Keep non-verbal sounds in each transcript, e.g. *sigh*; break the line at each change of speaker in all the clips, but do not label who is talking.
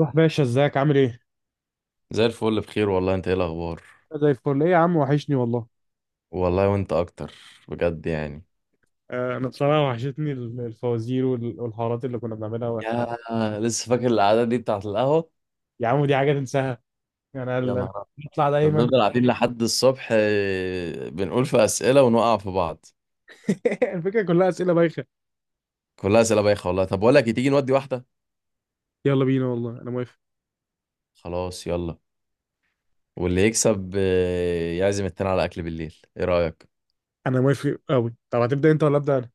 روح باشا، ازيك؟ عامل ايه؟
زي الفل، بخير والله. انت ايه الاخبار؟
زي الفل، ايه يا عم، وحشني والله.
والله وانت اكتر، بجد يعني.
انا بصراحة وحشتني الفوازير والحوارات اللي كنا بنعملها واحنا.
يا، لسه فاكر القعده دي بتاعت القهوه؟
يا عم، دي حاجة تنساها. يعني
يا
انا
نهار أبيض.
بطلع
كنا
دايما.
بنفضل قاعدين لحد الصبح، بنقول في اسئله ونقع في بعض.
*laughs* الفكرة كلها اسئلة بايخة.
كلها اسئله بايخه والله. طب بقول لك إيه، تيجي نودي واحده؟
يلا بينا، والله انا موافق.
خلاص يلا. واللي يكسب يعزم التاني على اكل بالليل، ايه رايك؟
انا موافق قوي، طب هتبدأ انت ولا ابدأ انا؟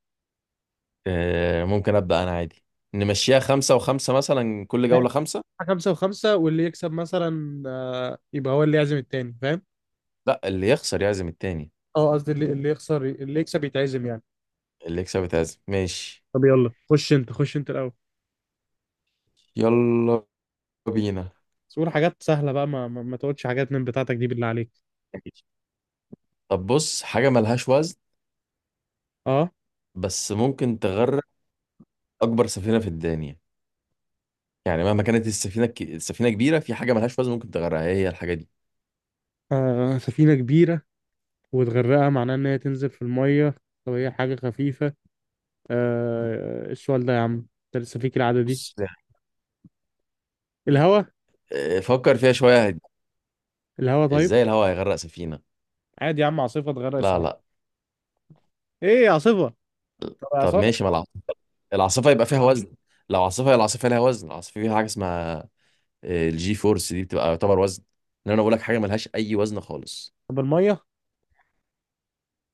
آه، ممكن ابدا انا عادي. نمشيها 5 و5 مثلا، كل
ماشي.
جوله 5.
خمسة وخمسة، واللي يكسب مثلا يبقى هو اللي يعزم التاني، فاهم؟
لا، اللي يخسر يعزم التاني.
اه، قصدي اللي يخسر، اللي يكسب يتعزم يعني.
اللي يكسب يتعزم، ماشي.
طب يلا، خش انت الاول.
يلا بينا.
بس قول حاجات سهلة بقى، ما تقولش حاجات من بتاعتك دي، بالله عليك.
طب، بص، حاجة ملهاش وزن
اه،
بس ممكن تغرق أكبر سفينة في الدنيا. يعني مهما كانت السفينة السفينة كبيرة، في حاجة ملهاش وزن ممكن تغرقها، هي الحاجة دي.
سفينة كبيرة، وتغرقها معناه إن هي تنزل في المية. طب هي حاجة خفيفة. آه. إيه السؤال ده يا عم؟ أنت لسه فيك العادة دي.
بص يعني،
الهوا.
فكر فيها شوية.
الهوا طيب.
إزاي الهواء هيغرق سفينة؟
عادي يا عم، عاصفة تغرق
لا
السفينة.
لا.
إيه، عاصفة. طب
طب
إعصار.
ماشي، ما العاصفة. العاصفة يبقى فيها وزن. لو عاصفة، هي العاصفة ليها وزن. العاصفة فيها حاجة اسمها الجي فورس، دي بتبقى يعتبر وزن. إن أنا بقول لك حاجة ملهاش أي وزن خالص.
طب المية.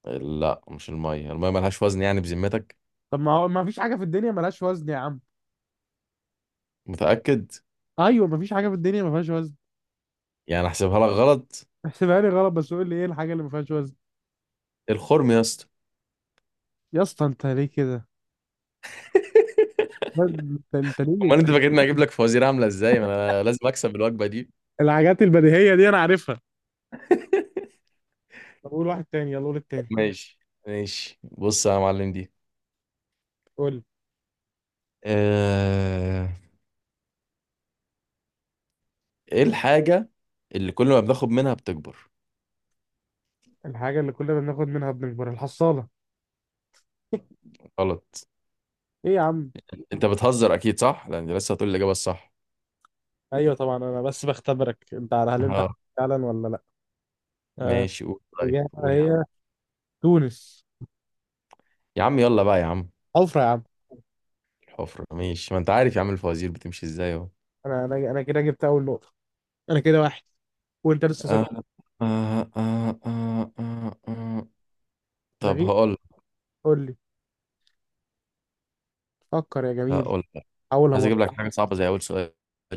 لا، مش المية. المية ملهاش وزن يعني، بذمتك؟
طب ما هو ما فيش حاجة في الدنيا ملهاش وزن يا عم.
متأكد؟
أيوة، ما فيش حاجة في الدنيا ما فيهاش وزن.
يعني أحسبها لك غلط؟
*laughs* احسبها لي غلط، بس قول لي إيه الحاجة اللي ما فيهاش وزن.
الخرم يا اسطى.
يا اسطى، أنت ليه كده؟ لا،
*laughs*
أنت ليه؟
امال انت فاكرني هجيب لك فوازير عامله ازاي؟ ما انا لازم اكسب الوجبه دي.
الحاجات البديهية دي أنا عارفها.
*laughs*
طب قول واحد تاني، يلا قول
طب
التاني.
ماشي. ماشي، بص يا معلم دي،
قول.
آه، ايه الحاجه اللي كل ما بناخد منها بتكبر؟
الحاجة اللي كلنا بناخد منها بنكبر، الحصالة. *laughs*
غلط.
ايه يا عم؟
انت بتهزر اكيد، صح؟ لان لسه هتقول الاجابه الصح.
ايوه طبعا، انا بس بختبرك انت، على هل انت
اه.
فعلا ولا لا. آه،
ماشي، قول طيب،
الإجابة
قول يا عم.
هي تونس.
يا عم، يلا بقى يا عم.
حفرة يا عم.
الحفرة ماشي، ما انت عارف يا عم الفوازير بتمشي ازاي اهو.
انا كده جبت اول نقطة. انا كده واحد، وانت لسه صفر.
آه، آه، آه، آه، آه، آه. طب
لغيت.
هقول
قول لي. فكر يا جميل.
هقول
حاولها
عايز اجيب
برضه.
لك حاجه صعبه زي اول سؤال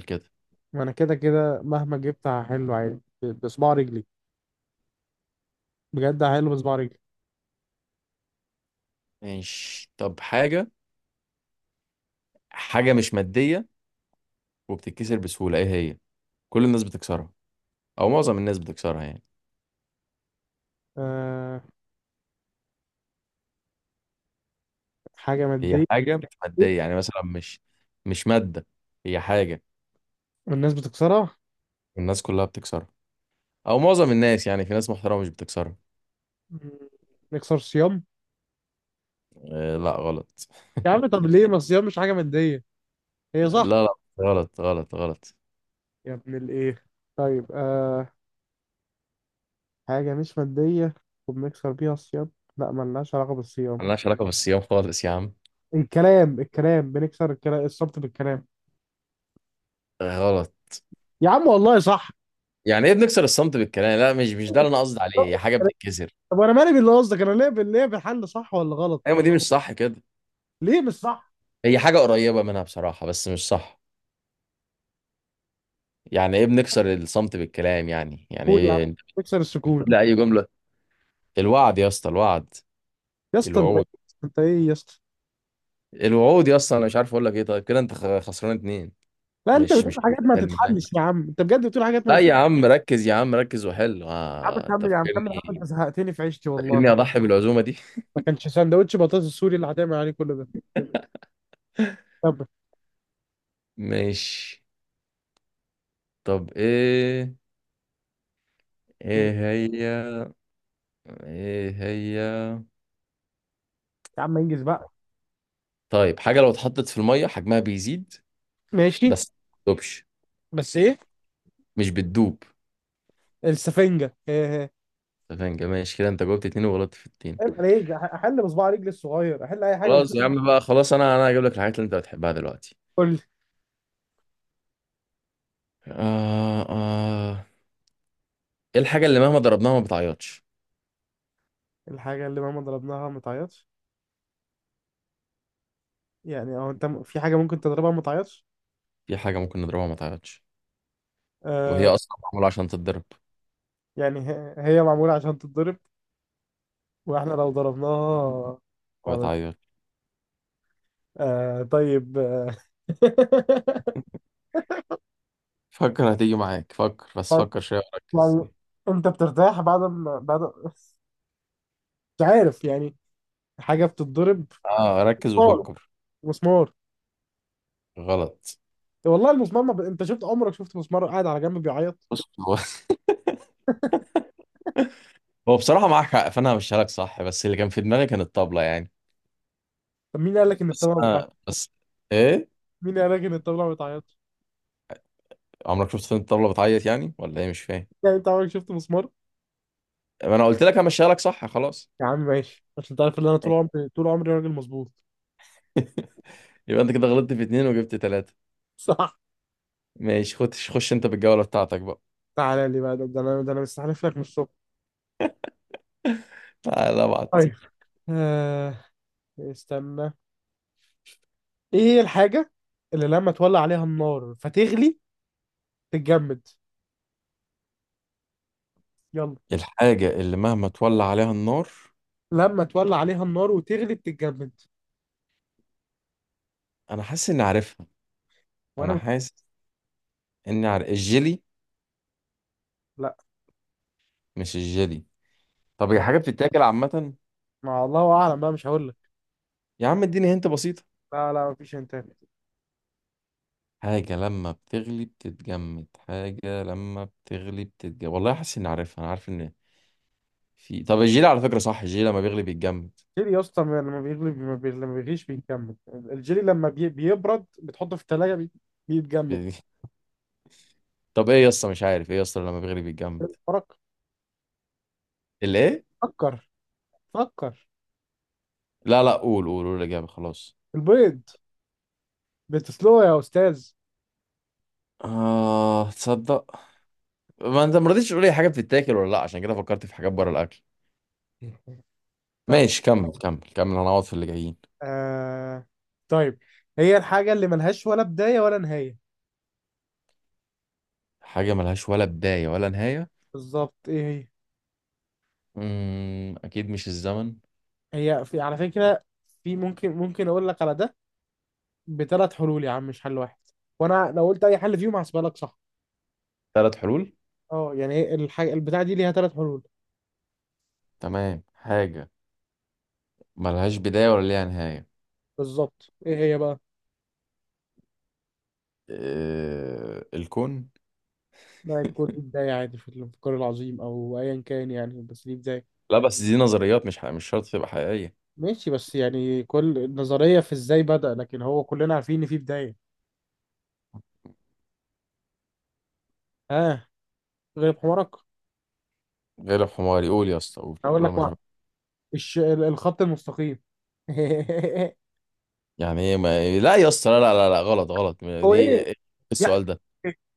كده.
ما انا كده كده مهما جبت هحله عادي بصباع رجلي. بجد هحله بصباع رجلي.
ماشي، طب حاجة مش مادية وبتتكسر بسهولة، ايه هي؟ كل الناس بتكسرها، او معظم الناس بتكسرها يعني.
أه، حاجة
هي
مادية،
حاجة مش مادية، يعني مثلا مش مادة، هي حاجة.
والناس بتكسرها.
الناس كلها بتكسرها، او معظم الناس يعني، في ناس محترمة مش بتكسرها.
مم، نكسر صيام.
آه، لا غلط. *laughs*
يا عم، طب ليه؟ ما الصيام مش حاجة مادية؟ هي صح.
لا لا، غلط غلط غلط.
يا ابن الايه. طيب حاجة مش مادية، وبنكسر بيها الصيام. لا، ملناش علاقة بالصيام.
ملهاش علاقة بالصيام خالص يا عم.
الكلام، بنكسر الكلام، الصمت بالكلام.
آه، غلط.
يا عم والله صح.
يعني ايه بنكسر الصمت بالكلام؟ لا، مش ده اللي انا قصدي عليه، هي حاجة بتتكسر.
طب وانا مالي باللي قصدك؟ انا ليه بالحل صح ولا غلط.
ايوه، ما دي مش صح كده.
ليه مش صح؟
هي حاجة قريبة منها بصراحة بس مش صح. يعني ايه بنكسر الصمت بالكلام؟ يعني
سكون يا عم،
ايه؟
بكسر السكون.
لا. *laughs* اي جمله. الوعد يا اسطى، الوعد.
يا اسطى انت.
الوعود.
انت ايه يا اسطى؟
الوعود يا اسطى، انا مش عارف اقول لك ايه. طيب كده انت خسران 2.
لا، انت
مش
بتقول
مش
حاجات ما
حلم *laughs* معايا.
تتحلش يا عم، انت بجد بتقول حاجات ما
لا
تت-
يا عم، ركز يا عم، ركز وحل.
يا عم
انت
كمل، يا عم كمل، يا عم
فاكرني
انت زهقتني في عيشتي والله.
فاكرني اضحي بالعزومه دي؟
ما كانش سندوتش بطاطس السوري اللي هتعمل عليه كل ده. طب.
*laughs* ماشي. طب ايه،
إيه؟
ايه هي، ايه هي؟
يا عم انجز بقى.
طيب، حاجه لو اتحطت في الميه حجمها بيزيد
ماشي.
بس ما بتدوبش،
بس ايه؟
مش بتدوب.
السفنجة. *laughs*
تمام، ماشي كده. انت جاوبت 2 وغلطت في التاني.
عيب عليك، احل بصباع رجلي الصغير، احل اي حاجه بس.
خلاص يا عم بقى، خلاص، انا هجيب لك الحاجات اللي انت بتحبها دلوقتي.
قول لي.
آه، آه، ايه الحاجة اللي مهما ضربناها ما بتعيطش؟
الحاجه اللي مهما ضربناها ما تعيطش. يعني او انت في حاجه ممكن تضربها ما تعيطش؟
في حاجة ممكن نضربها ما تعيطش، وهي
آه.
اصلا معمولة عشان تتضرب،
يعني هي معموله عشان تتضرب، واحنا لو ضربناها
ما
ما بت-
بتعيطش.
آه طيب، آه. *laughs*
فكر، هتيجي معاك. فكر بس، فكر شوية وركز.
يعني انت بترتاح بعد ما بعد. مش عارف يعني. حاجه بتتضرب.
اه، ركز
مسمار
وفكر.
مسمار
غلط.
والله المسمار ما ب... انت شفت؟ عمرك شفت مسمار قاعد على جنب بيعيط؟
بص، هو *laughs* هو بصراحة معاك حق، فانا همشيها لك صح. بس اللي كان في دماغي كان الطبلة يعني.
طب مين قال لك ان
بس
الطبله بتعيط؟
انا بس، ايه؟
مين قال لك ان الطبله بتعيط؟
عمرك شفت فين الطبلة بتعيط يعني؟ ولا ايه؟ مش فاهم.
يعني انت عمرك شفت مسمار؟
ما انا قلت لك همشيها لك صح، خلاص.
يا عم ماشي، عشان انت عارف ان انا طول عمري طول عمري راجل مظبوط. *laughs*
*laughs* يبقى انت كده غلطت في اتنين وجبت 3.
صح.
ماشي، خش خش انت بالجولة بتاعتك بقى.
تعالى لي بقى، ده انا مستحلف لك من الصبح.
تعالى ابعت.
طيب. آه استنى. ايه هي الحاجة اللي لما تولع عليها النار فتغلي، تتجمد؟ يلا.
الحاجة اللي مهما تولع عليها النار.
لما تولع عليها النار وتغلي بتتجمد.
انا حاسس اني عارفها،
وانا
انا
مش...
حاسس اني عارف الجيلي.
لا.
مش الجيلي. طب هي
لا،
حاجة بتتاكل عامة؟
ما الله اعلم بقى، مش هقول لك.
يا عم اديني، هنت بسيطة.
لا لا، مفيش انت.
حاجة لما بتغلي بتتجمد، حاجة لما بتغلي بتتجمد، والله حاسس اني عارفها، انا عارف ان، في، طب الجيلي على فكرة صح، الجيلي لما بيغلي بيتجمد.
الجيلي يا اسطى، لما بيغلي بي- ما بي... لما بيغليش بيتجمد. الجيلي لما بيبرد، بتحطه في التلاجة بيتجمد.
*laughs* طب ايه يا اسطى مش عارف، ايه يا اسطى لما بيغلي بيتجمد؟
فرق.
الايه؟
فكر. فكر.
لا لا، قول قول قول الإجابة، خلاص.
البيض، بتسلقه يا أستاذ.
آه، تصدق؟ ما انت ما رضيتش تقول لي حاجه بتتاكل ولا لا، عشان كده فكرت في حاجات بره الاكل.
طيب
ماشي، كمل كمل كمل، هنقعد في اللي جايين.
آه... طيب. هي الحاجة اللي ملهاش ولا بداية ولا نهاية.
حاجه ملهاش ولا بدايه ولا نهايه.
بالظبط، ايه
اكيد مش الزمن.
هي؟ هي في على فكرة. في ممكن اقول لك على ده بثلاث حلول يا عم، مش حل واحد. وانا لو قلت اي حل فيهم هحسبها لك صح.
3 حلول؟
اه، يعني هي الحاجة البتاعة دي ليها ثلاث حلول.
تمام، حاجه ملهاش بدايه ولا ليها نهايه.
بالظبط، ايه هي بقى؟
الكون.
لا، الكون ليه بداية عادي، في الانفجار العظيم او ايا كان يعني، بس ليه بداية.
لا بس دي نظريات، مش شرط تبقى حقيقيه.
ماشي، بس يعني كل النظرية في ازاي بدأ، لكن هو كلنا عارفين ان في بداية. ها. غير حمارك.
غير الحمار يقول. يا اسطى، قول
هقول
قول
لك
ما
واحد.
شوف.
الخط المستقيم. *laughs*
يعني ايه؟ ما... لا يا اسطى، لا لا لا لا، غلط غلط.
هو
دي
ايه؟
إيه
يعني
السؤال ده؟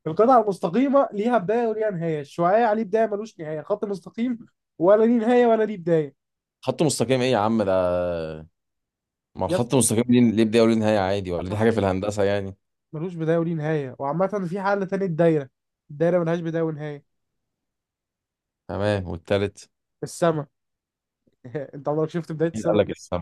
القطعة المستقيمة ليها بداية وليها نهاية، الشعاع ليه بداية ملوش نهاية، خط مستقيم ولا ليه نهاية ولا ليه بداية.
خط مستقيم ايه يا عم ده؟ ما
يس.
الخط المستقيم ليه بداية وليه نهاية عادي، ولا دي حاجة في الهندسة يعني؟
ملوش بداية وليه نهاية. وعامة في حل تاني، الدايرة. الدايرة ملهاش بداية ونهاية.
تمام، والتالت؟
السما. *laughs* انت عمرك شفت بداية
مين قال
السما؟
لك السما؟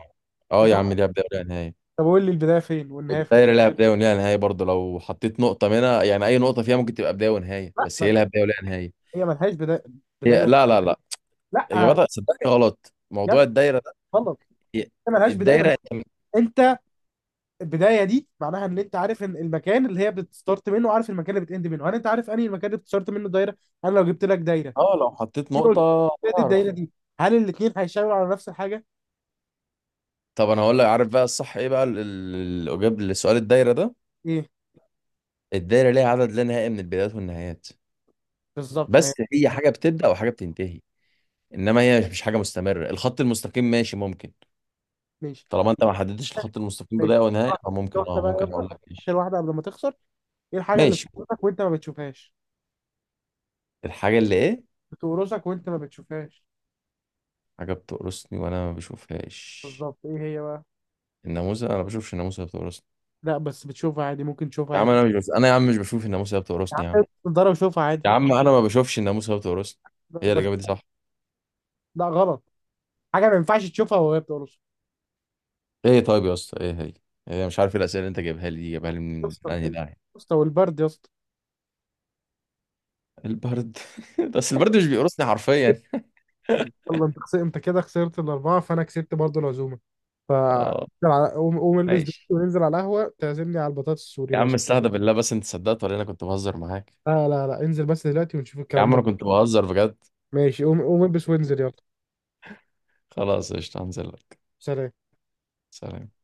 اه يا
انت.
عم، ليها بداية وليها نهاية.
طب قول لي البداية فين والنهاية فين؟
والدايرة ليها بداية وليها نهاية برضه، لو حطيت نقطة منها يعني، أي نقطة فيها ممكن تبقى بداية ونهاية،
لا
بس هي
ما-
لها بداية وليها نهاية.
هي ملهاش بداية. بداية ون-
لا لا لا.
لا.
إجابتها صدقني غلط،
يا
موضوع
ابني
الدايرة ده.
غلط
هي-
هي ملهاش بداية
الدايرة
ونهاية.
أنت
انت. البدايه دي معناها ان انت عارف ان المكان اللي هي بتستارت منه، وعارف المكان اللي بتاند منه. هل انت عارف انهي المكان اللي بتستارت منه دايره؟ انا لو جبت لك دايره،
اه، لو حطيت
قلت
نقطة
لك الدايره
تعرف.
دي، هل الاثنين هيشاوروا على نفس الحاجه؟
طب أنا هقول لك، عارف بقى الصح إيه بقى الإجابة لسؤال الدايرة ده.
ايه؟
الدايرة ليها عدد لا نهائي من البدايات والنهايات.
بالظبط، ما هي.
بس هي حاجة بتبدأ وحاجة بتنتهي. انما هي مش حاجه مستمره. الخط المستقيم ماشي، ممكن.
ماشي.
طالما انت ما حددتش الخط المستقيم بدايه
ماشي،
ونهايه،
آخر
فممكن
واحده
اه
بقى،
ممكن
يلا.
اقول لك ماشي.
اخر واحده قبل ما تخسر. ايه الحاجه اللي
ماشي.
بتقرصك وانت ما بتشوفهاش؟
الحاجه اللي ايه؟
بتقرصك وانت ما بتشوفهاش.
حاجه بتقرصني وانا ما بشوفهاش.
بالظبط، ايه هي بقى؟
الناموسه، انا ما بشوفش الناموسه، هي بتقرصني.
لا، بس بتشوفها عادي، ممكن تشوفها
يا عم،
عادي.
انا مش بشوف، انا يا عم مش بشوف الناموسه، هي
يا عم
بتقرصني يا عم.
البس نضاره وشوفها عادي.
يا عم، انا ما بشوفش الناموسه، هي بتقرصني.
لا
هي
بش-
الاجابه دي صح؟
لا، غلط. حاجه ما ينفعش تشوفها وهي بتقرصك.
ايه طيب يا اسطى، ايه هي؟ هي مش عارف إيه الاسئله اللي انت جايبها لي دي، جايبها لي
يا
من
اسطى،
انهي
يا
داعي؟
اسطى، والبرد يا اسطى.
البرد. *laughs* بس البرد مش بيقرصني حرفيا.
يلا انت خسرت، انت كده خسرت الاربعه، فانا كسبت برضو العزومه. ف
اه،
انزل قوم، قوم البس دلوقتي
ماشي.
وننزل على القهوه، تعزمني على البطاطس السوري
يا
لو.
عم استهدى بالله، بس انت صدقت ولا انا كنت بهزر معاك؟
لا لا لا، انزل بس دلوقتي ونشوف
يا
الكلام
عم انا
ده.
كنت بهزر بجد.
ماشي، قوم قوم البس وانزل يلا.
خلاص، قشطة، هنزل لك.
سلام.
سلام.